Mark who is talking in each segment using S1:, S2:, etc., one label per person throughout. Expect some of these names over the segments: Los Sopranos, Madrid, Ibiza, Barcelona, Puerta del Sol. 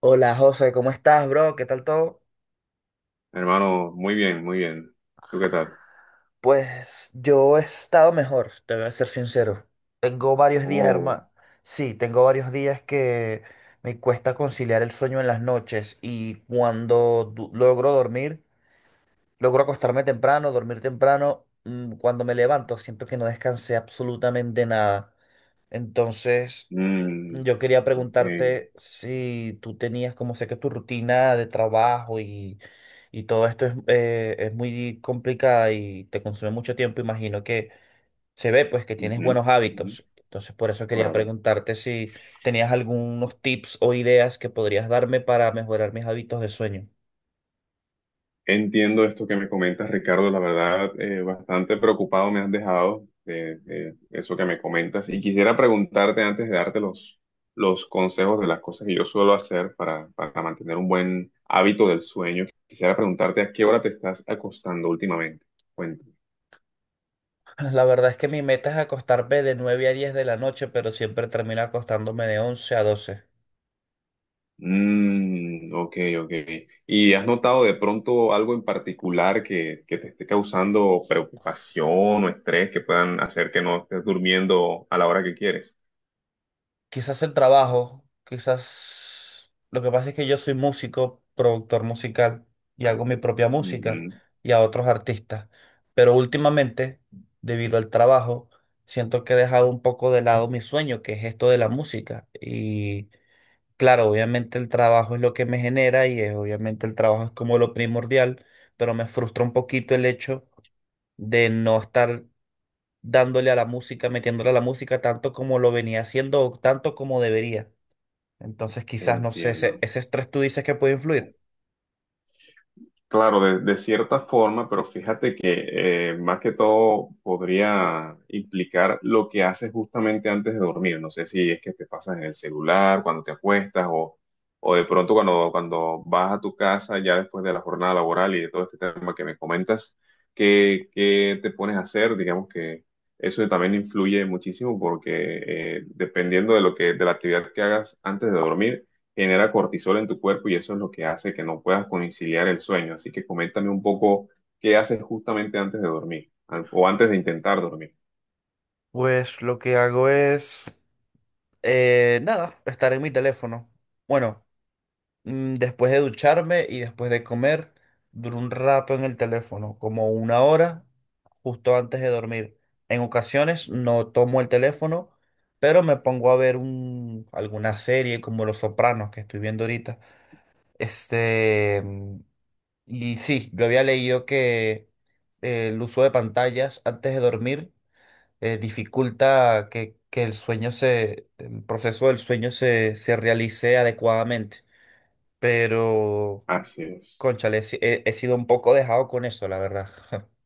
S1: Hola José, ¿cómo estás, bro? ¿Qué tal todo?
S2: Hermano, muy bien, muy bien. ¿Tú qué tal?
S1: Pues yo he estado mejor, te voy a ser sincero. Tengo varios días,
S2: Oh,
S1: hermano. Sí, tengo varios días que me cuesta conciliar el sueño en las noches y cuando logro dormir, logro acostarme temprano, dormir temprano, cuando me levanto siento que no descansé absolutamente nada. Entonces.
S2: mm,
S1: Yo quería
S2: ok.
S1: preguntarte si tú tenías, como sé que tu rutina de trabajo y todo esto es muy complicada y te consume mucho tiempo, imagino que se ve pues que tienes
S2: Ujú,
S1: buenos
S2: ujú,
S1: hábitos. Entonces por eso quería
S2: claro.
S1: preguntarte si tenías algunos tips o ideas que podrías darme para mejorar mis hábitos de sueño.
S2: Entiendo esto que me comentas, Ricardo. La verdad, bastante preocupado me has dejado de eso que me comentas. Y quisiera preguntarte antes de darte los consejos de las cosas que yo suelo hacer para mantener un buen hábito del sueño. Quisiera preguntarte a qué hora te estás acostando últimamente.
S1: La verdad es que mi meta es acostarme de 9 a 10 de la noche, pero siempre termino acostándome de 11 a 12.
S2: Mm, ok, ok. ¿Y has notado de pronto algo en particular que te esté causando preocupación o estrés que puedan hacer que no estés durmiendo a la hora que quieres?
S1: Quizás el trabajo, quizás lo que pasa es que yo soy músico, productor musical y hago mi propia música
S2: Ujú,
S1: y a otros artistas. Pero últimamente, debido al trabajo, siento que he dejado un poco de lado mi sueño, que es esto de la música. Y claro, obviamente el trabajo es lo que me genera obviamente el trabajo es como lo primordial, pero me frustra un poquito el hecho de no estar dándole a la música, metiéndole a la música tanto como lo venía haciendo o tanto como debería. Entonces quizás, no sé, ese,
S2: entiendo.
S1: ese estrés tú dices que puede influir.
S2: Claro, de cierta forma, pero fíjate que más que todo podría implicar lo que haces justamente antes de dormir. No sé si es que te pasas en el celular, cuando te acuestas o de pronto cuando vas a tu casa ya después de la jornada laboral y de todo este tema que me comentas, ¿qué te pones a hacer? Digamos que eso también influye muchísimo porque dependiendo de de la actividad que hagas antes de dormir genera cortisol en tu cuerpo y eso es lo que hace que no puedas conciliar el sueño. Así que coméntame un poco qué haces justamente antes de dormir o antes de intentar dormir.
S1: Pues lo que hago es, nada, estar en mi teléfono. Bueno, después de ducharme y después de comer, duro un rato en el teléfono, como una hora, justo antes de dormir. En ocasiones no tomo el teléfono, pero me pongo a ver alguna serie como Los Sopranos que estoy viendo ahorita. Este. Y sí, yo había leído que el uso de pantallas antes de dormir dificulta que el el proceso del sueño se realice adecuadamente. Pero,
S2: Así es.
S1: cónchale, he, si- he- he sido un poco dejado con eso, la verdad.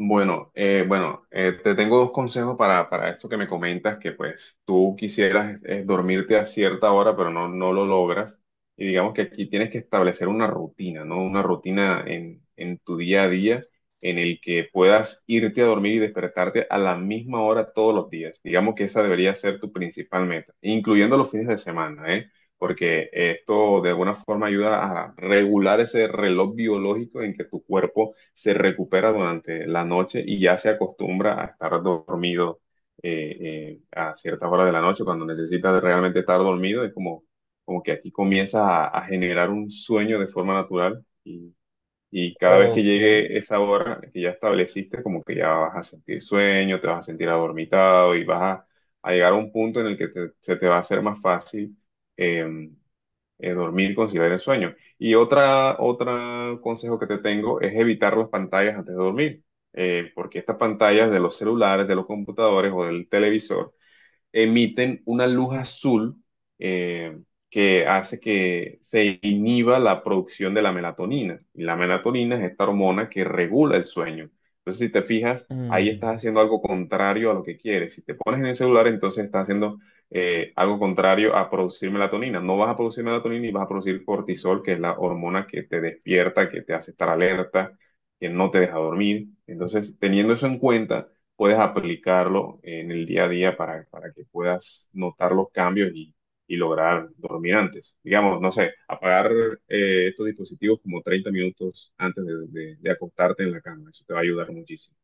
S2: Bueno, te tengo dos consejos para esto que me comentas, que pues tú quisieras dormirte a cierta hora, pero no lo logras. Y digamos que aquí tienes que establecer una rutina, ¿no? Una rutina en tu día a día en el que puedas irte a dormir y despertarte a la misma hora todos los días. Digamos que esa debería ser tu principal meta, incluyendo los fines de semana, ¿eh? Porque esto de alguna forma ayuda a regular ese reloj biológico en que tu cuerpo se recupera durante la noche y ya se acostumbra a estar dormido eh, a ciertas horas de la noche, cuando necesita realmente estar dormido, es como, como que aquí comienza a generar un sueño de forma natural y cada vez que
S1: Ok.
S2: llegue esa hora que ya estableciste, como que ya vas a sentir sueño, te vas a sentir adormitado y a llegar a un punto en el que se te va a hacer más fácil eh, dormir, conciliar el sueño. Y otro consejo que te tengo es evitar las pantallas antes de dormir, porque estas pantallas de los celulares, de los computadores o del televisor, emiten una luz azul eh, que hace que se inhiba la producción de la melatonina. Y la melatonina es esta hormona que regula el sueño. Entonces, si te fijas, ahí
S1: Mm.
S2: estás haciendo algo contrario a lo que quieres. Si te pones en el celular, entonces estás haciendo algo contrario a producir melatonina. No vas a producir melatonina y vas a producir cortisol, que es la hormona que te despierta, que te hace estar alerta, que no te deja dormir. Entonces, teniendo eso en cuenta, puedes aplicarlo en el día a día para que puedas notar los cambios y lograr dormir antes. Digamos, no sé, apagar estos dispositivos como 30 minutos antes de acostarte en la cama. Eso te va a ayudar muchísimo.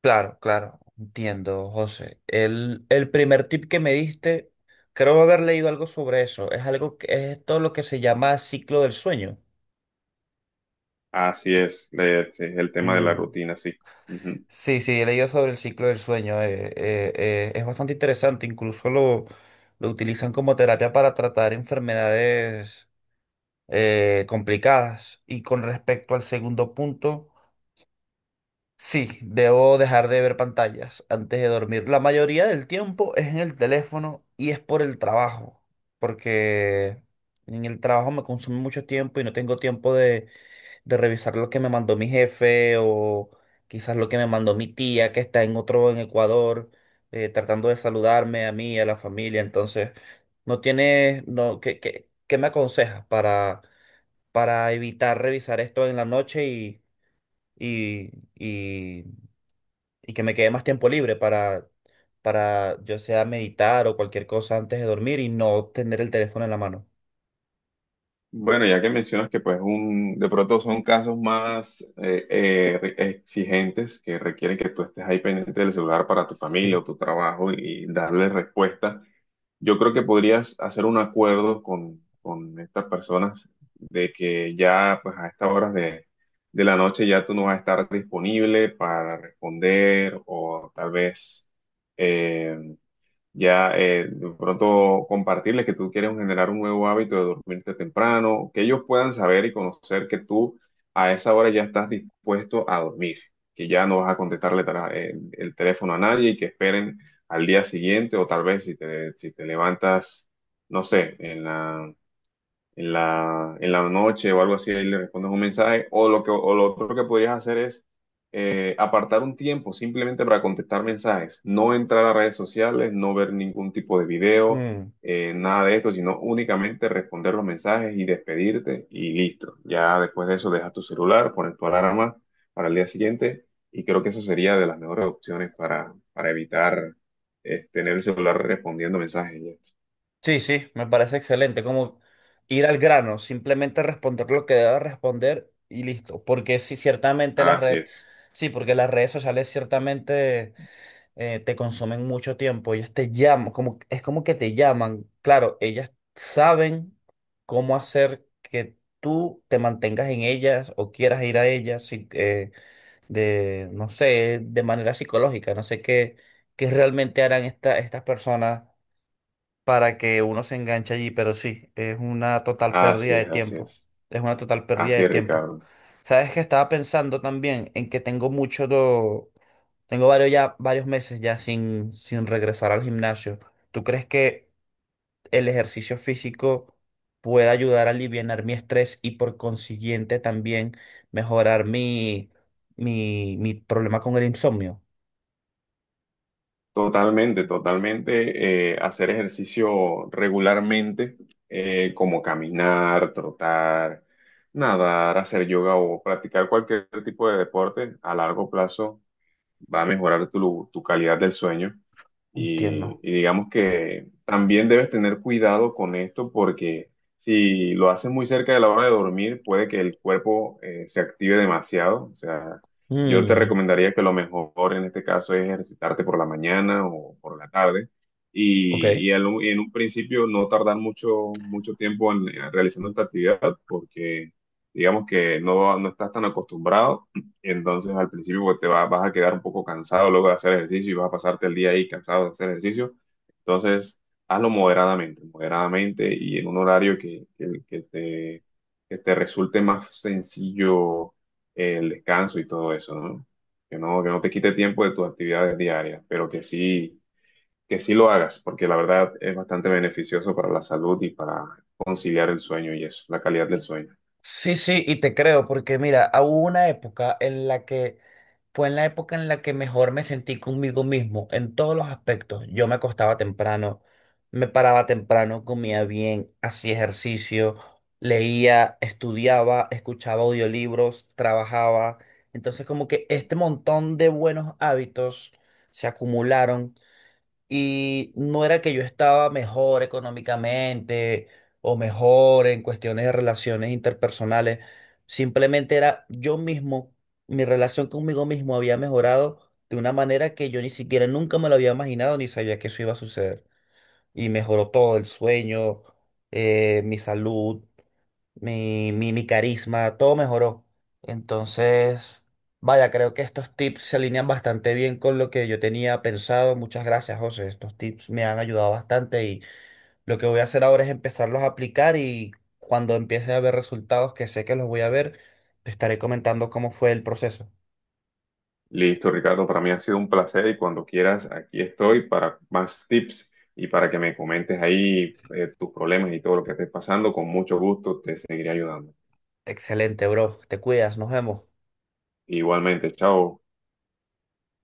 S1: Claro, claro, entiendo, José. El primer tip que me diste, creo haber leído algo sobre eso. Es algo que es todo lo que se llama ciclo del sueño.
S2: Así es, es el tema de la
S1: Mm.
S2: rutina, sí. Ujú.
S1: Sí, sí, he leído sobre el ciclo del sueño. Es bastante interesante. Incluso lo utilizan como terapia para tratar enfermedades complicadas. Y con respecto al segundo punto, sí, debo dejar de ver pantallas antes de dormir. La mayoría del tiempo es en el teléfono y es por el trabajo, porque en el trabajo me consume mucho tiempo y no tengo tiempo de revisar lo que me mandó mi jefe o quizás lo que me mandó mi tía que está en Ecuador, tratando de saludarme a mí, a la familia. Entonces, no tienes, no, ¿qué me aconsejas para evitar revisar esto en la noche y, y, y que me quede más tiempo libre para yo sea meditar o cualquier cosa antes de dormir y no tener el teléfono en la mano?
S2: Bueno, ya que mencionas que pues un, de pronto son casos más exigentes que requieren que tú estés ahí pendiente del celular para tu familia
S1: Sí.
S2: o tu trabajo y darle respuesta. Yo creo que podrías hacer un acuerdo con estas personas de que ya pues a estas horas de la noche ya tú no vas a estar disponible para responder o tal vez eh, ya de pronto compartirles que tú quieres generar un nuevo hábito de dormirte temprano, que ellos puedan saber y conocer que tú a esa hora ya estás dispuesto a dormir, que ya no vas a contestarle el teléfono a nadie y que esperen al día siguiente o tal vez si te levantas, no sé, en la noche o algo así, ahí le respondes un mensaje, o o lo otro que podrías hacer es apartar un tiempo simplemente para contestar mensajes, no entrar a redes sociales, no ver ningún tipo de video,
S1: Mm.
S2: nada de esto, sino únicamente responder los mensajes y despedirte y listo. Ya después de eso dejas tu celular, pones tu alarma para el día siguiente y creo que eso sería de las mejores opciones para evitar tener el celular respondiendo mensajes. Y esto.
S1: Sí, sí, me parece excelente, como ir al grano, simplemente responder lo que deba responder y listo, porque sí, ciertamente las
S2: Así
S1: redes,
S2: es,
S1: sí, porque las redes sociales ciertamente te consumen mucho tiempo, ellas te llaman, como, es como que te llaman, claro, ellas saben cómo hacer que tú te mantengas en ellas o quieras ir a ellas, sí, no sé, de manera psicológica, no sé qué realmente harán estas personas para que uno se enganche allí, pero sí, es una total pérdida de
S2: así
S1: tiempo.
S2: es.
S1: Es una total pérdida
S2: Así
S1: de
S2: es,
S1: tiempo.
S2: Ricardo.
S1: Sabes que estaba pensando también en que tengo varios meses ya sin regresar al gimnasio. ¿Tú crees que el ejercicio físico puede ayudar a aliviar mi estrés y por consiguiente también mejorar mi problema con el insomnio?
S2: Totalmente, totalmente. Hacer ejercicio regularmente, como caminar, trotar, nadar, hacer yoga o practicar cualquier tipo de deporte a largo plazo va a mejorar tu calidad del sueño.
S1: Entiendo.
S2: Y digamos que también debes tener cuidado con esto porque si lo haces muy cerca de la hora de dormir, puede que el cuerpo se active demasiado. O sea, yo te
S1: Mm,
S2: recomendaría que lo mejor en este caso es ejercitarte por la mañana o por la tarde.
S1: ok.
S2: Y en un principio no tardar mucho tiempo en, realizando esta actividad porque digamos que no estás tan acostumbrado entonces al principio pues, vas a quedar un poco cansado luego de hacer ejercicio y vas a pasarte el día ahí cansado de hacer ejercicio. Entonces hazlo moderadamente, moderadamente y en un horario que te resulte más sencillo el descanso y todo eso, ¿no? Que que no te quite tiempo de tus actividades diarias, pero que sí lo hagas, porque la verdad es bastante beneficioso para la salud y para conciliar el sueño y eso, la calidad del sueño.
S1: Sí, sí, y te creo, porque mira, ah, hubo una época en la que fue en la época en la que mejor me sentí conmigo mismo en todos los aspectos. Yo me acostaba temprano, me paraba temprano, comía bien, hacía ejercicio, leía, estudiaba, escuchaba audiolibros, trabajaba. Entonces, como que este montón de buenos hábitos se acumularon y no era que yo estaba mejor económicamente o mejor en cuestiones de relaciones interpersonales, simplemente era yo mismo, mi relación conmigo mismo había mejorado de una manera que yo ni siquiera nunca me lo había imaginado ni sabía que eso iba a suceder. Y mejoró todo, el sueño, mi salud, mi carisma, todo mejoró. Entonces, vaya, creo que estos tips se alinean bastante bien con lo que yo tenía pensado. Muchas gracias, José. Estos tips me han ayudado bastante y lo que voy a hacer ahora es empezarlos a aplicar y cuando empiece a ver resultados, que sé que los voy a ver, te estaré comentando cómo fue el proceso.
S2: Listo, Ricardo, para mí ha sido un placer y cuando quieras, aquí estoy para más tips y para que me comentes ahí tus problemas y todo lo que estés pasando. Con mucho gusto te seguiré ayudando.
S1: Excelente, bro. Te cuidas, nos vemos.
S2: Igualmente, chao.